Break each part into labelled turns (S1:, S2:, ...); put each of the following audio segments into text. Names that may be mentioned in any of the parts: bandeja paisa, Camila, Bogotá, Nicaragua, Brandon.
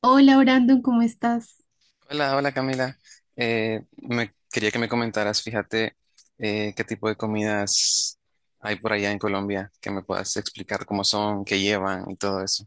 S1: Hola Brandon, ¿cómo estás?
S2: Hola, hola Camila. Me quería que me comentaras, fíjate, qué tipo de comidas hay por allá en Colombia, que me puedas explicar cómo son, qué llevan y todo eso.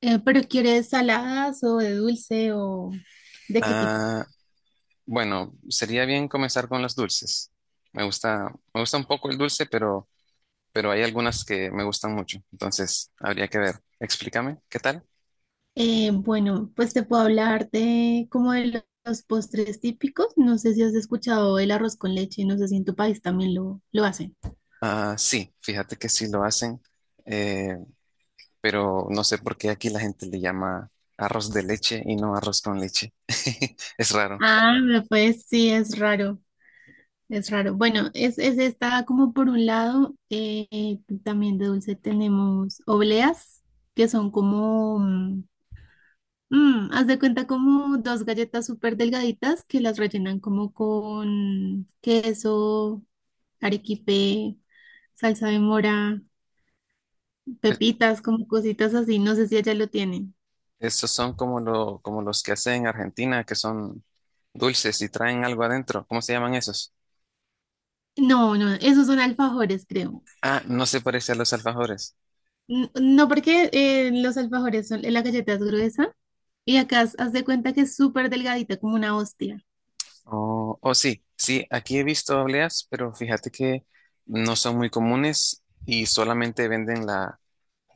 S1: ¿pero quieres saladas o de dulce o de qué tipo?
S2: Ah, bueno, sería bien comenzar con los dulces. Me gusta un poco el dulce, pero hay algunas que me gustan mucho. Entonces, habría que ver. Explícame, ¿qué tal?
S1: Bueno, pues te puedo hablar de como de los postres típicos. No sé si has escuchado el arroz con leche, no sé si en tu país también lo hacen.
S2: Ah, sí, fíjate que sí lo hacen. Eh, pero no sé por qué aquí la gente le llama arroz de leche y no arroz con leche. Es raro.
S1: Ah, me pues sí, es raro, es raro. Bueno, es esta como por un lado, también de dulce tenemos obleas, que son como haz de cuenta como dos galletas súper delgaditas que las rellenan como con queso, arequipe, salsa de mora,
S2: Es-
S1: pepitas, como cositas así. No sé si allá lo tienen.
S2: Esos son como, como los que hacen en Argentina, que son dulces y traen algo adentro. ¿Cómo se llaman esos?
S1: No, esos son alfajores, creo.
S2: Ah, no se parece a los alfajores.
S1: No, porque los alfajores son, la galleta es gruesa y acá haz de cuenta que es súper delgadita, como una hostia.
S2: Oh, oh, sí, sí, aquí he visto obleas, pero fíjate que no son muy comunes y solamente venden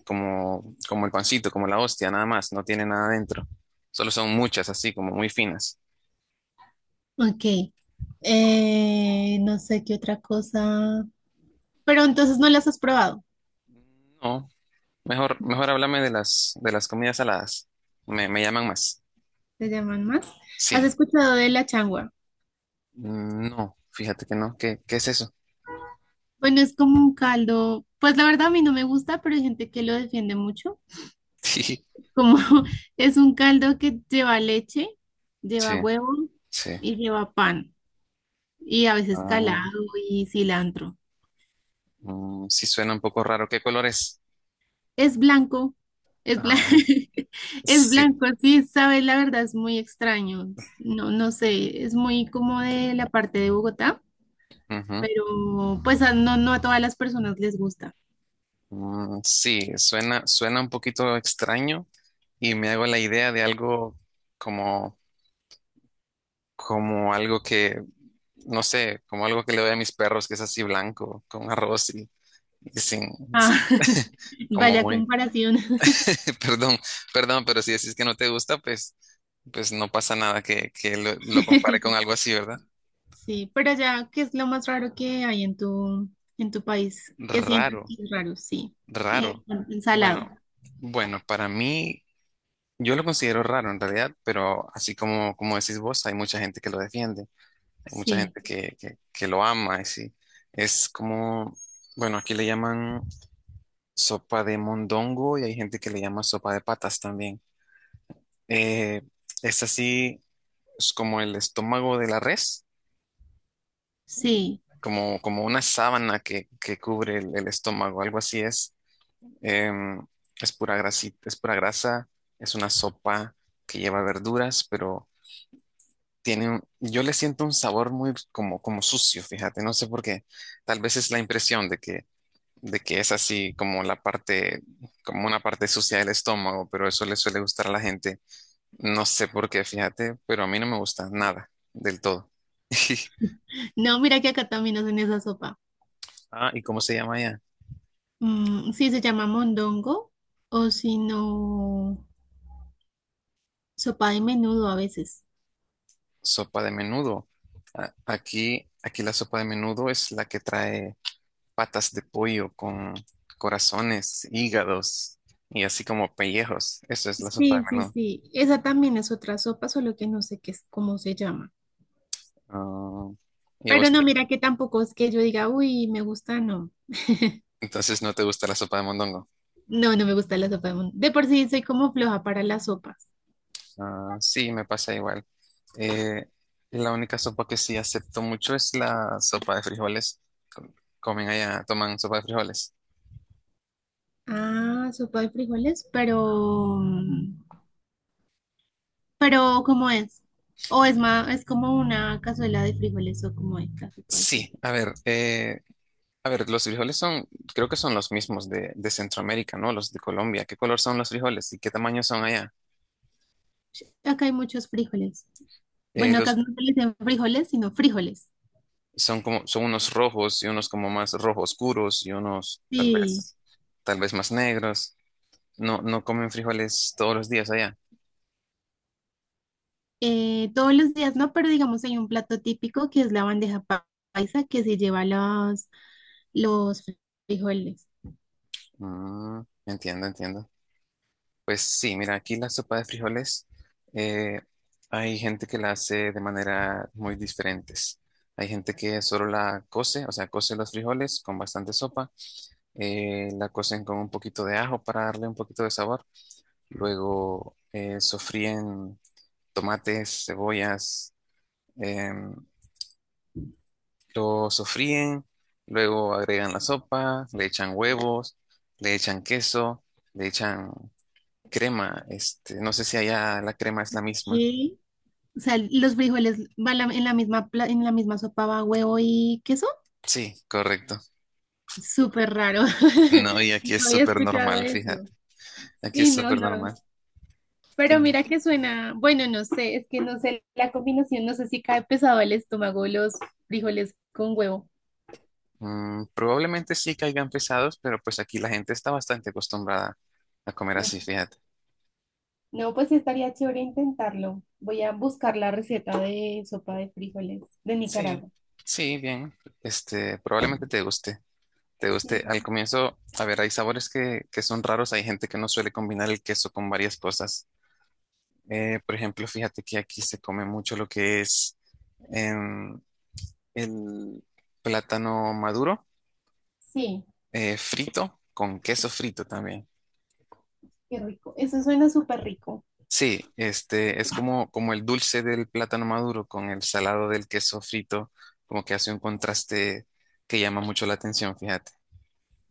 S2: como, como el pancito, como la hostia, nada más, no tiene nada adentro. Solo son muchas, así como muy finas.
S1: Ok, no sé qué otra cosa. Pero entonces no las has probado.
S2: No, mejor háblame de las comidas saladas. Me llaman más.
S1: ¿Te llaman más? ¿Has
S2: Sí.
S1: escuchado de la changua?
S2: Mm, no, fíjate que no. ¿Qué es eso?
S1: Bueno, es como un caldo, pues la verdad a mí no me gusta, pero hay gente que lo defiende mucho.
S2: Sí,
S1: Como es un caldo que lleva leche,
S2: sí,
S1: lleva huevo
S2: sí.
S1: y lleva pan y a veces
S2: Ah,
S1: calado y cilantro.
S2: mm, sí suena un poco raro. ¿Qué color es?
S1: Es blanco, es blanco,
S2: Ah,
S1: es
S2: sí.
S1: blanco, sí, sabes, la verdad es muy extraño. No, no sé, es muy como de la parte de Bogotá,
S2: Ujú.
S1: pero pues no a todas las personas les gusta.
S2: Mm, sí, suena un poquito extraño y me hago la idea de algo como, como algo que, no sé, como algo que le doy a mis perros, que es así blanco, con arroz y sin,
S1: Ah,
S2: sí,
S1: y
S2: como
S1: vaya
S2: muy...
S1: comparación.
S2: Perdón, perdón, pero si decís que no te gusta, pues, pues no pasa nada que lo compare con algo así, ¿verdad?
S1: Sí, pero allá, ¿qué es lo más raro que hay en en tu país? ¿Qué sientes que
S2: Raro,
S1: es raro? Sí. Eh,
S2: raro. Bueno,
S1: ensalado.
S2: bueno, para mí, yo lo considero raro en realidad, pero así como, como decís vos, hay mucha gente que lo defiende, hay mucha
S1: Sí,
S2: gente que lo ama, y sí. Es como, bueno, aquí le llaman sopa de mondongo y hay gente que le llama sopa de patas también. Eh, es así, es como el estómago de la res
S1: sí.
S2: como, como una sábana que cubre el estómago, algo así es. Em, es pura grasita, es pura grasa, es una sopa que lleva verduras, pero yo le siento un sabor muy como, como sucio, fíjate, no sé por qué. Tal vez es la impresión de que es así como la parte, como una parte sucia del estómago, pero eso le suele gustar a la gente. No sé por qué, fíjate, pero a mí no me gusta nada del todo.
S1: No, mira que acá también hacen esa sopa.
S2: Ah, ¿y cómo se llama ella?
S1: Sí, se llama mondongo o si no, sopa de menudo a veces.
S2: Sopa de menudo. Aquí, aquí la sopa de menudo es la que trae patas de pollo con corazones, hígados y así como pellejos. Eso es la sopa de
S1: Sí, sí,
S2: menudo.
S1: sí. Esa también es otra sopa, solo que no sé qué es, cómo se llama.
S2: Ah, y a
S1: Pero
S2: vos
S1: no,
S2: te-
S1: mira que tampoco es que yo diga, uy, me gusta, no.
S2: entonces no te gusta la sopa de mondongo.
S1: No, no me gusta la sopa de mondongo. De por sí soy como floja para las sopas.
S2: Ah, sí, me pasa igual. Eh, la única sopa que sí acepto mucho es la sopa de frijoles. Com- Comen allá, toman sopa de frijoles.
S1: Ah, sopa de frijoles, pero ¿cómo es? O es más, es como una cazuela de frijoles o como es la sopa de frijoles.
S2: Sí, a ver, a ver, los frijoles son, creo que son los mismos de Centroamérica, ¿no? Los de Colombia. ¿Qué color son los frijoles y qué tamaño son allá?
S1: Acá hay muchos frijoles.
S2: Eh,
S1: Bueno, acá
S2: los,
S1: no se les dicen frijoles, sino frijoles.
S2: Son como, son unos rojos y unos como más rojo oscuros y unos tal
S1: Sí,
S2: vez, tal vez más negros. No, no comen frijoles todos los días allá.
S1: todos los días no, pero digamos hay un plato típico que es la bandeja paisa que se lleva los frijoles.
S2: Mm, entiendo, entiendo. Pues sí, mira, aquí la sopa de frijoles, eh, hay gente que la hace de manera muy diferentes. Hay gente que solo la cose, o sea, cose los frijoles con bastante sopa la cocen con un poquito de ajo para darle un poquito de sabor. Luego sofríen tomates, cebollas, em, lo sofríen, luego agregan la sopa, le echan huevos, le echan queso, le echan crema. Este, no sé si allá la crema es la misma.
S1: ¿Qué? O sea, los frijoles van en la misma, en la misma sopa va huevo y queso.
S2: Sí, correcto.
S1: Súper raro.
S2: No, y aquí
S1: No
S2: es
S1: había
S2: súper
S1: escuchado
S2: normal,
S1: eso.
S2: fíjate. Aquí
S1: Sí,
S2: es
S1: no,
S2: súper
S1: no.
S2: normal.
S1: Pero mira que suena, bueno, no sé, es que no sé la combinación, no sé si cae pesado al estómago los frijoles con huevo.
S2: Mm, probablemente sí caigan pesados, pero pues aquí la gente está bastante acostumbrada a comer
S1: No,
S2: así, fíjate.
S1: no, pues sí estaría chévere intentarlo. Voy a buscar la receta de sopa de frijoles de
S2: Sí,
S1: Nicaragua.
S2: sí, bien. Este, probablemente te guste. Te guste.
S1: Sí,
S2: Al comienzo, a ver, hay sabores que son raros. Hay gente que no suele combinar el queso con varias cosas. Por ejemplo, fíjate que aquí se come mucho lo que es em, el plátano maduro,
S1: sí,
S2: frito, con queso frito también.
S1: qué rico. Eso suena súper rico.
S2: Sí, este es como, como el dulce del plátano maduro con el salado del queso frito, como que hace un contraste que llama mucho la atención, fíjate.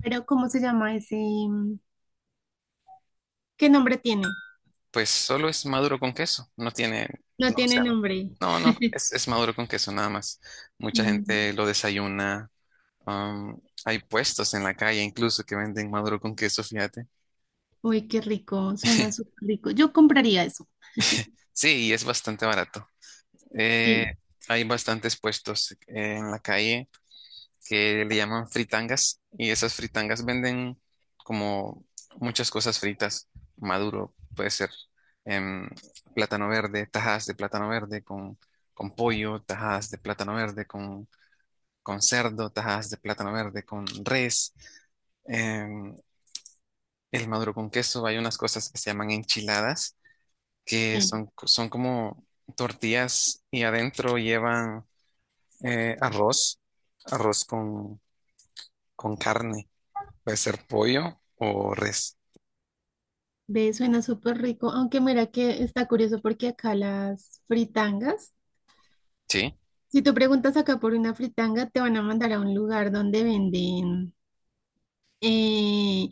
S1: Pero ¿cómo se llama ese? ¿Qué nombre tiene?
S2: Pues solo es maduro con queso, no tiene,
S1: No
S2: no, o
S1: tiene
S2: sea,
S1: nombre.
S2: no, no, es maduro con queso nada más. Mucha
S1: Mm,
S2: gente lo desayuna, hay puestos en la calle incluso que venden maduro con queso, fíjate.
S1: uy, qué rico, suena súper rico. Yo compraría eso.
S2: Sí, y es bastante barato. Eh,
S1: Sí,
S2: Hay bastantes puestos en la calle que le llaman fritangas y esas fritangas venden como muchas cosas fritas, maduro, puede ser em, plátano verde, tajadas de plátano verde con pollo, tajadas de plátano verde con cerdo, tajadas de plátano verde con res, em, el maduro con queso, hay unas cosas que se llaman enchiladas, que
S1: sí.
S2: son, son como tortillas y adentro llevan arroz, arroz con, con carne. Puede ser pollo o res.
S1: Ve, suena súper rico. Aunque mira que está curioso porque acá las fritangas,
S2: ¿Sí?
S1: si tú preguntas acá por una fritanga, te van a mandar a un lugar donde venden, eh,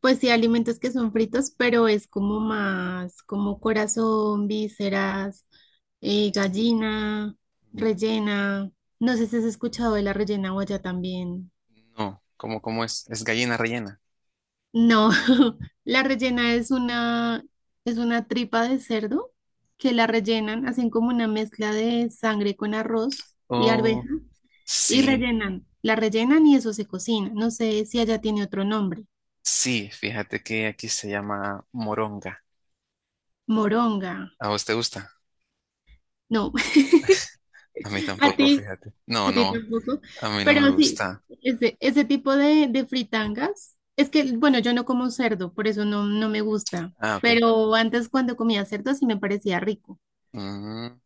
S1: pues sí, alimentos que son fritos, pero es como más, como corazón, vísceras, gallina,
S2: Mm,
S1: rellena. No sé si has escuchado de la rellena o allá también.
S2: no, ¿cómo es? Es gallina rellena.
S1: No, la rellena es una tripa de cerdo que la rellenan, hacen como una mezcla de sangre con arroz y
S2: Oh,
S1: arveja y
S2: sí,
S1: rellenan. La rellenan y eso se cocina. No sé si allá tiene otro nombre.
S2: sí, fíjate que aquí se llama moronga.
S1: Moronga.
S2: ¿A vos te gusta?
S1: No,
S2: A mí
S1: a
S2: tampoco, fíjate. No,
S1: a ti
S2: no,
S1: tampoco.
S2: a mí no me
S1: Pero sí,
S2: gusta.
S1: ese tipo de fritangas. Es que, bueno, yo no como cerdo, por eso no, no me gusta.
S2: Ah, ok.
S1: Pero antes cuando comía cerdo sí me parecía rico.
S2: Mm,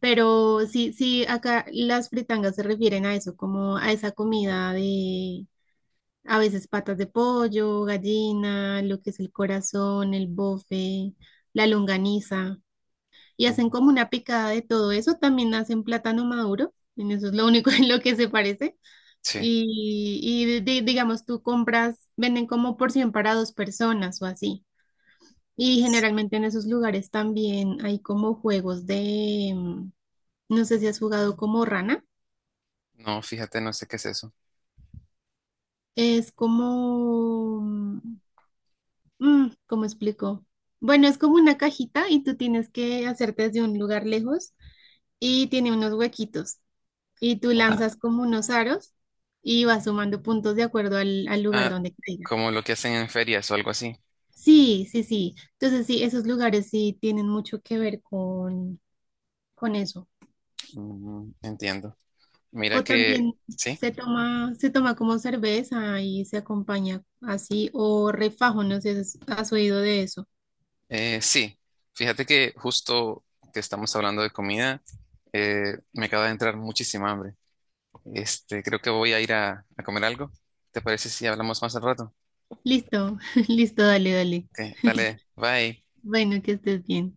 S1: Pero sí, sí, acá las fritangas se refieren a eso, como a esa comida de a veces patas de pollo, gallina, lo que es el corazón, el bofe, la longaniza. Y hacen como una picada de todo eso. También hacen plátano maduro, en eso es lo único en lo que se parece.
S2: sí,
S1: Y digamos, tú compras, venden como porción para dos personas o así. Y generalmente en esos lugares también hay como juegos de, no sé si has jugado como rana.
S2: no, fíjate, no sé qué es eso.
S1: Es como, ¿cómo explico? Bueno, es como una cajita y tú tienes que hacerte desde un lugar lejos y tiene unos huequitos y tú
S2: Oh.
S1: lanzas como unos aros y vas sumando puntos de acuerdo al lugar
S2: Ah,
S1: donde caiga.
S2: como lo que hacen en ferias o algo así.
S1: Sí, sí, sí. Entonces sí, esos lugares sí tienen mucho que ver con eso.
S2: Mm, entiendo. Mira
S1: O
S2: que,
S1: también
S2: sí.
S1: se toma como cerveza y se acompaña así o refajo, no sé si has oído de eso.
S2: Sí, fíjate que justo que estamos hablando de comida, me acaba de entrar muchísima hambre. Este, creo que voy a ir a comer algo. ¿Te parece si hablamos más al rato?
S1: Listo, listo, dale, dale.
S2: Ok, dale, bye.
S1: Bueno, que estés bien.